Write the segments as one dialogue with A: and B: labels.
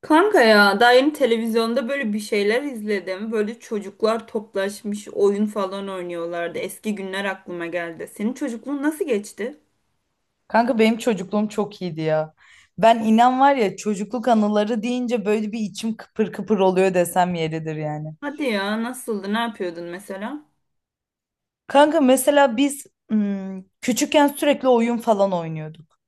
A: Kanka ya daha yeni televizyonda böyle bir şeyler izledim. Böyle çocuklar toplaşmış oyun falan oynuyorlardı. Eski günler aklıma geldi. Senin çocukluğun nasıl geçti?
B: Kanka benim çocukluğum çok iyiydi ya. Ben inan var ya çocukluk anıları deyince böyle bir içim kıpır kıpır oluyor desem yeridir yani.
A: Hadi ya, nasıldı? Ne yapıyordun mesela?
B: Kanka mesela biz küçükken sürekli oyun falan oynuyorduk.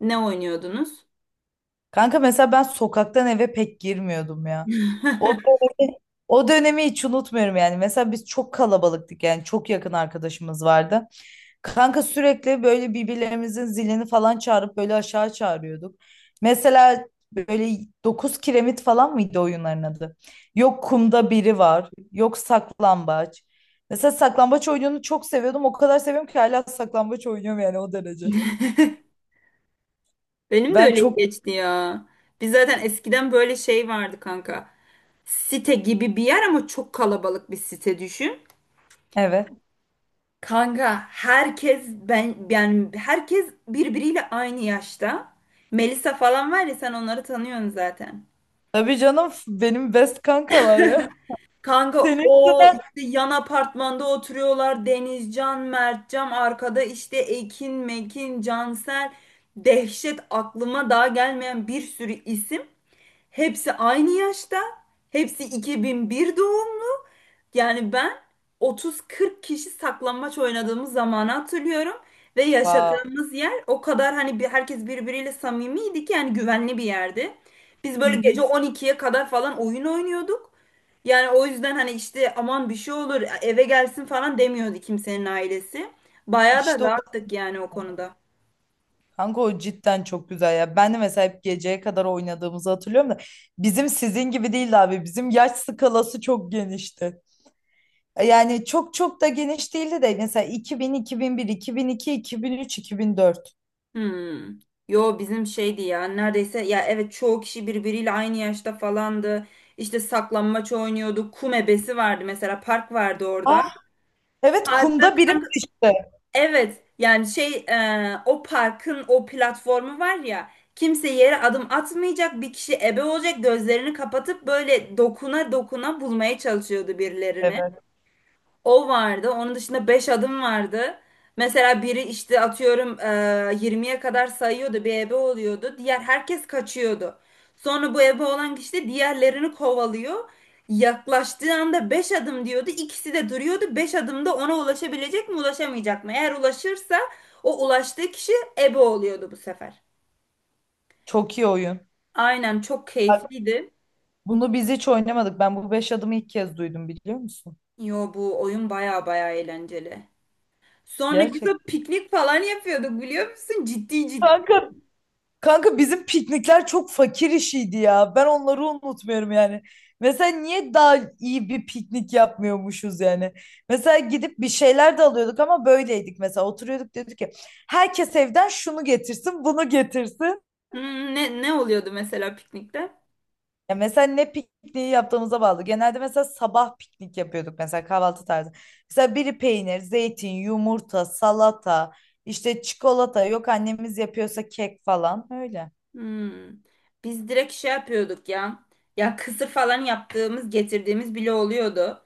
A: Ne oynuyordunuz?
B: Kanka mesela ben sokaktan eve pek girmiyordum ya. O dönemi, o dönemi hiç unutmuyorum yani. Mesela biz çok kalabalıktık, yani çok yakın arkadaşımız vardı. Kanka sürekli böyle birbirlerimizin zilini falan çağırıp böyle aşağı çağırıyorduk. Mesela böyle 9 kiremit falan mıydı oyunların adı? Yok kumda biri var, yok saklambaç. Mesela saklambaç oyununu çok seviyordum. O kadar seviyorum ki hala saklambaç oynuyorum, yani o derece.
A: Benim de
B: Ben
A: öyle
B: çok.
A: geçti ya. Biz zaten eskiden böyle şey vardı kanka. Site gibi bir yer ama çok kalabalık bir site düşün.
B: Evet.
A: Kanka herkes, ben yani herkes birbiriyle aynı yaşta. Melisa falan var ya, sen onları tanıyorsun zaten.
B: Tabii canım, benim best kankalar ya.
A: Kanka
B: Senin
A: o
B: yüzünden.
A: işte yan apartmanda oturuyorlar. Denizcan, Mertcan arkada, işte Ekin, Mekin, Cansel. Dehşet, aklıma daha gelmeyen bir sürü isim. Hepsi aynı yaşta. Hepsi 2001 doğum. Yani ben 30-40 kişi saklambaç oynadığımız zamanı hatırlıyorum ve
B: Vay.
A: yaşadığımız yer o kadar, hani bir, herkes birbiriyle samimiydi ki, yani güvenli bir yerdi. Biz
B: Hı
A: böyle
B: hı.
A: gece 12'ye kadar falan oyun oynuyorduk. Yani o yüzden hani işte, aman bir şey olur eve gelsin falan demiyordu kimsenin ailesi. Bayağı da
B: İşte o.
A: rahattık yani o konuda.
B: Kanka o cidden çok güzel ya. Ben de mesela hep geceye kadar oynadığımızı hatırlıyorum da bizim sizin gibi değildi abi. Bizim yaş skalası çok genişti. Yani çok çok da geniş değildi de, mesela 2000, 2001, 2002, iki bin, bin bin bir, bin üç, 2004.
A: Hmm. Yo, bizim şeydi ya, neredeyse ya, evet, çoğu kişi birbiriyle aynı yaşta falandı. İşte saklambaç oynuyorduk. Kum ebesi vardı, mesela park vardı orada.
B: Ah. Evet,
A: Parkta
B: kumda birim
A: kanka,
B: işte.
A: evet yani şey o parkın o platformu var ya, kimse yere adım atmayacak, bir kişi ebe olacak, gözlerini kapatıp böyle dokuna dokuna bulmaya çalışıyordu birilerini.
B: Evet.
A: O vardı. Onun dışında 5 adım vardı. Mesela biri işte atıyorum 20'ye kadar sayıyordu, bir ebe oluyordu. Diğer herkes kaçıyordu. Sonra bu ebe olan kişi de diğerlerini kovalıyor. Yaklaştığı anda 5 adım diyordu. İkisi de duruyordu. 5 adımda ona ulaşabilecek mi, ulaşamayacak mı? Eğer ulaşırsa, o ulaştığı kişi ebe oluyordu bu sefer.
B: Çok iyi oyun.
A: Aynen, çok
B: Bak,
A: keyifliydi.
B: bunu biz hiç oynamadık. Ben bu beş adımı ilk kez duydum, biliyor musun?
A: Yo, bu oyun baya baya eğlenceli. Sonra güzel
B: Gerçekten.
A: piknik falan yapıyorduk, biliyor musun? Ciddi ciddi.
B: Kanka, kanka bizim piknikler çok fakir işiydi ya. Ben onları unutmuyorum yani. Mesela niye daha iyi bir piknik yapmıyormuşuz yani? Mesela gidip bir şeyler de alıyorduk ama böyleydik mesela. Oturuyorduk, dedik ki herkes evden şunu getirsin, bunu getirsin.
A: Hmm, ne ne oluyordu mesela piknikte?
B: Ya mesela ne pikniği yaptığımıza bağlı. Genelde mesela sabah piknik yapıyorduk, mesela kahvaltı tarzı. Mesela biri peynir, zeytin, yumurta, salata, işte çikolata, yok annemiz yapıyorsa kek falan öyle.
A: Hmm. Biz direkt şey yapıyorduk ya. Ya kısır falan yaptığımız, getirdiğimiz bile oluyordu.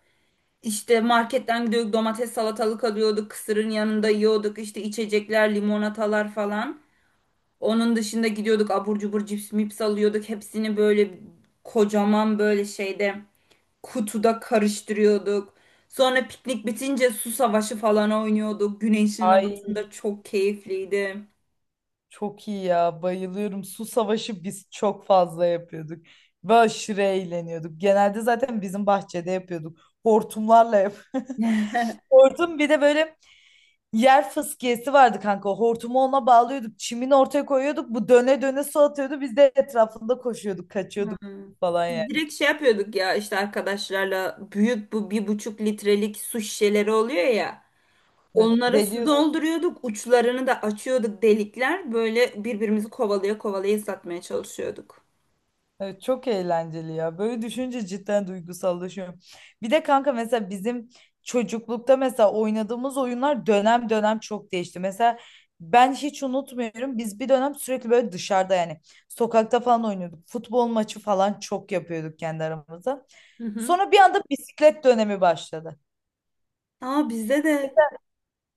A: İşte marketten gidiyorduk, domates, salatalık alıyorduk, kısırın yanında yiyorduk, işte içecekler, limonatalar falan. Onun dışında gidiyorduk, abur cubur, cips mips alıyorduk. Hepsini böyle kocaman böyle şeyde, kutuda karıştırıyorduk. Sonra piknik bitince su savaşı falan oynuyorduk. Güneşin
B: Ay,
A: altında çok keyifliydi.
B: çok iyi ya, bayılıyorum. Su savaşı biz çok fazla yapıyorduk. Ve aşırı eğleniyorduk. Genelde zaten bizim bahçede yapıyorduk. Hortumlarla yap. Hortum, bir de böyle yer fıskiyesi vardı kanka. Hortumu ona bağlıyorduk. Çimini ortaya koyuyorduk. Bu döne döne su atıyordu. Biz de etrafında koşuyorduk, kaçıyorduk
A: Hmm.
B: falan yani.
A: Biz direkt şey yapıyorduk ya, işte arkadaşlarla büyük bu bir buçuk litrelik su şişeleri oluyor ya.
B: Evet,
A: Onlara su
B: Deli
A: dolduruyorduk, uçlarını da açıyorduk, delikler. Böyle birbirimizi kovalaya kovalaya satmaya çalışıyorduk.
B: Evet, çok eğlenceli ya. Böyle düşünce cidden duygusallaşıyorum. Bir de kanka mesela bizim çocuklukta mesela oynadığımız oyunlar dönem dönem çok değişti. Mesela ben hiç unutmuyorum. Biz bir dönem sürekli böyle dışarıda, yani sokakta falan oynuyorduk. Futbol maçı falan çok yapıyorduk kendi aramızda.
A: Hı hı.
B: Sonra bir anda bisiklet dönemi başladı.
A: Aa, bizde de.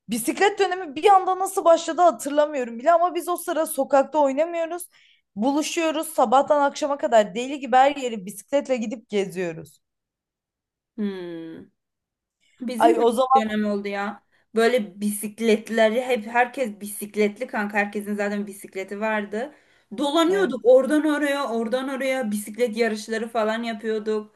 B: Bisiklet dönemi bir anda nasıl başladı hatırlamıyorum bile, ama biz o sıra sokakta oynamıyoruz. Buluşuyoruz sabahtan akşama kadar, deli gibi her yeri bisikletle gidip geziyoruz.
A: Hmm. Bizim
B: Ay,
A: de
B: o
A: bir
B: zaman
A: dönem oldu ya. Böyle bisikletleri hep, herkes bisikletli kanka. Herkesin zaten bisikleti vardı.
B: evet.
A: Dolanıyorduk oradan oraya, oradan oraya, bisiklet yarışları falan yapıyorduk.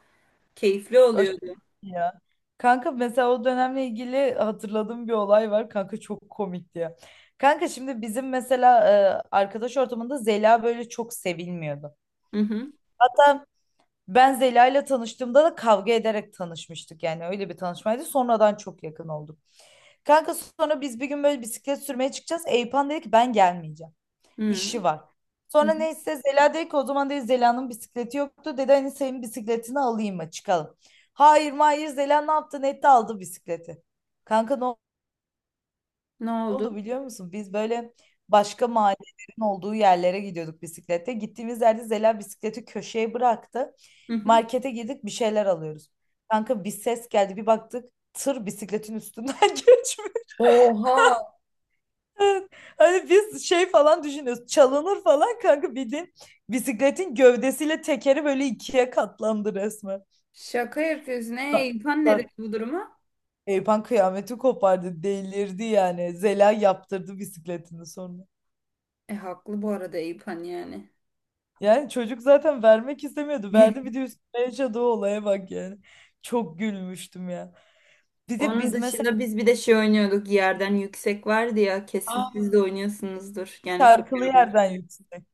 A: Keyifli
B: Aşırı
A: oluyordu.
B: iyi ya. Kanka mesela o dönemle ilgili hatırladığım bir olay var. Kanka çok komikti ya. Kanka şimdi bizim mesela, arkadaş ortamında Zela böyle çok sevilmiyordu.
A: Hı hı.
B: Hatta ben Zela ile tanıştığımda da kavga ederek tanışmıştık. Yani öyle bir tanışmaydı. Sonradan çok yakın olduk. Kanka sonra biz bir gün böyle bisiklet sürmeye çıkacağız. Eyüphan dedi ki ben gelmeyeceğim.
A: Hı
B: İşi var.
A: hı. Hı.
B: Sonra neyse Zela dedi ki, o zaman dedi, Zela'nın bisikleti yoktu. Dedi hani senin bisikletini alayım mı, çıkalım. Hayır hayır, Zela ne yaptı? Ne Nette aldı bisikleti. Kanka, ne
A: Ne oldu?
B: oldu biliyor musun? Biz böyle başka mahallelerin olduğu yerlere gidiyorduk bisiklette. Gittiğimiz yerde Zela bisikleti köşeye bıraktı.
A: Hı hı.
B: Markete girdik, bir şeyler alıyoruz. Kanka bir ses geldi, bir baktık, tır bisikletin üstünden geçmiş.
A: Oha!
B: Evet. Hani biz şey falan düşünüyoruz. Çalınır falan kanka, bildiğin bisikletin gövdesiyle tekeri böyle ikiye katlandı resmen.
A: Şaka yapıyorsun. E,
B: Ta-
A: İlpan ne dedi
B: ta-
A: bu duruma?
B: Eyüphan kıyameti kopardı. Delirdi yani. Zela yaptırdı bisikletini sonra.
A: E, haklı bu arada İlpan yani.
B: Yani çocuk zaten vermek istemiyordu. Verdi bir de, üstüne yaşadığı olaya bak yani. Çok gülmüştüm ya. Bir de
A: Onun
B: biz
A: dışında
B: mesela,
A: biz bir de şey oynuyorduk. Yerden yüksek vardı ya. Kesin siz de
B: aa,
A: oynuyorsunuzdur. Yani küçükken
B: şarkılı
A: oynuyorum.
B: yerden yüksek.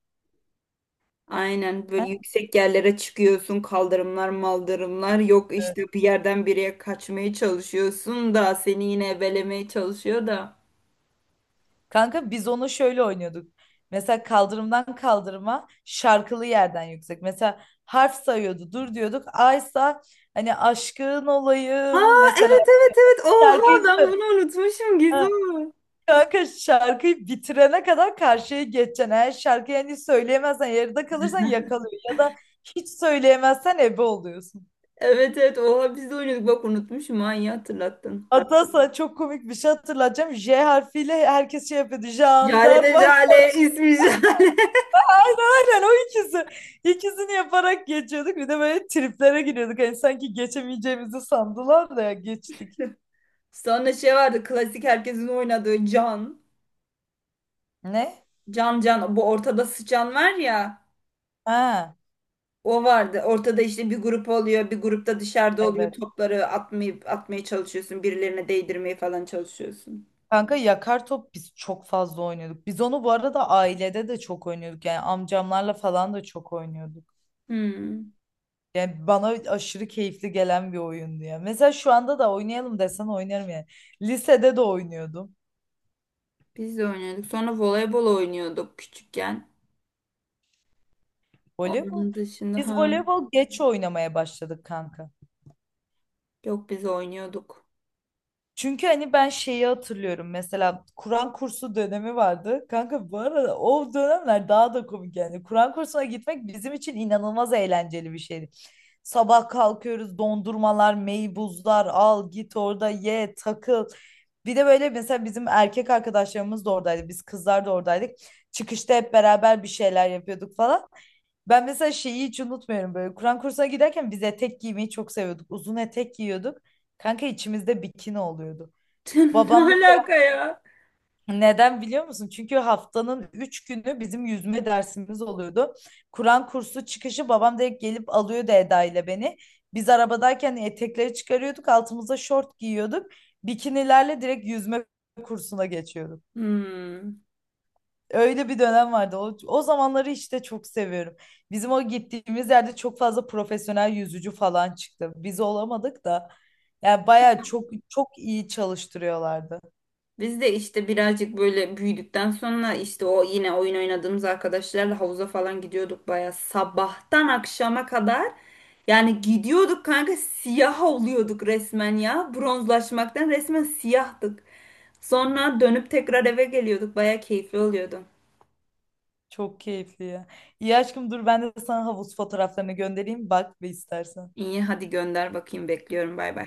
A: Aynen,
B: He?
A: böyle yüksek yerlere çıkıyorsun. Kaldırımlar, maldırımlar. Yok işte, bir yerden bir yere kaçmaya çalışıyorsun da seni yine ebelemeye çalışıyor da.
B: Kanka biz onu şöyle oynuyorduk. Mesela kaldırımdan kaldırıma şarkılı yerden yüksek. Mesela harf sayıyordu. Dur diyorduk. Aysa, hani aşkın olayım
A: Aa,
B: mesela,
A: evet evet evet.
B: şarkıyı
A: Oha, ben
B: sö-
A: bunu unutmuşum
B: Ha,
A: Gizem.
B: kanka şarkıyı bitirene kadar karşıya geçeceksin. Eğer şarkıyı hani söyleyemezsen, yarıda kalırsan yakalıyor, ya da hiç söyleyemezsen ebe oluyorsun.
A: Evet evet, oha, biz de oynuyorduk, bak unutmuşum ha, iyi hatırlattın.
B: Hatta sana çok komik bir şey hatırlatacağım. J harfiyle herkes şey yapıyordu.
A: Jale de,
B: Jandarma.
A: Jale ismi Jale.
B: Aynen o ikisi. İkisini yaparak geçiyorduk. Bir de böyle triplere giriyorduk. Hani sanki geçemeyeceğimizi sandılar da geçtik.
A: Sonra şey vardı, klasik herkesin oynadığı Can.
B: Ne?
A: Can Can bu, ortada sıçan var ya,
B: Ha,
A: o vardı. Ortada işte bir grup oluyor, bir grupta dışarıda oluyor,
B: evet.
A: topları atmayı, atmaya çalışıyorsun, birilerine değdirmeye falan çalışıyorsun.
B: Kanka yakar top biz çok fazla oynuyorduk. Biz onu bu arada ailede de çok oynuyorduk. Yani amcamlarla falan da çok oynuyorduk.
A: Hmm,
B: Yani bana aşırı keyifli gelen bir oyundu ya. Mesela şu anda da oynayalım desen oynarım yani. Lisede de oynuyordum.
A: biz de oynuyorduk. Sonra voleybol oynuyorduk küçükken.
B: Voleybol.
A: Onun dışında
B: Biz
A: ha,
B: voleybol geç oynamaya başladık kanka.
A: yok biz oynuyorduk.
B: Çünkü hani ben şeyi hatırlıyorum, mesela Kur'an kursu dönemi vardı. Kanka bu arada o dönemler daha da komik yani. Kur'an kursuna gitmek bizim için inanılmaz eğlenceli bir şeydi. Sabah kalkıyoruz, dondurmalar, meybuzlar al, git orada ye, takıl. Bir de böyle mesela bizim erkek arkadaşlarımız da oradaydı. Biz kızlar da oradaydık. Çıkışta hep beraber bir şeyler yapıyorduk falan. Ben mesela şeyi hiç unutmuyorum böyle. Kur'an kursuna giderken biz etek giymeyi çok seviyorduk. Uzun etek giyiyorduk. Kanka içimizde bikini oluyordu.
A: Ne
B: Babam,
A: alaka ya?
B: neden biliyor musun? Çünkü haftanın 3 günü bizim yüzme dersimiz oluyordu. Kur'an kursu çıkışı babam direkt gelip alıyordu Eda ile beni. Biz arabadayken etekleri çıkarıyorduk, altımıza şort giyiyorduk. Bikinilerle direkt yüzme kursuna geçiyorduk.
A: Hmm.
B: Öyle bir dönem vardı. O, o zamanları işte çok seviyorum. Bizim o gittiğimiz yerde çok fazla profesyonel yüzücü falan çıktı. Biz olamadık da. Yani bayağı çok çok iyi çalıştırıyorlardı.
A: Biz de işte birazcık böyle büyüdükten sonra işte o yine oyun oynadığımız arkadaşlarla havuza falan gidiyorduk, baya sabahtan akşama kadar. Yani gidiyorduk kanka, siyah oluyorduk resmen ya. Bronzlaşmaktan resmen siyahtık. Sonra dönüp tekrar eve geliyorduk. Baya keyifli oluyordu.
B: Çok keyifli ya. İyi aşkım, dur ben de sana havuz fotoğraflarını göndereyim. Bak ve istersen.
A: İyi, hadi gönder, bakayım, bekliyorum, bay bay.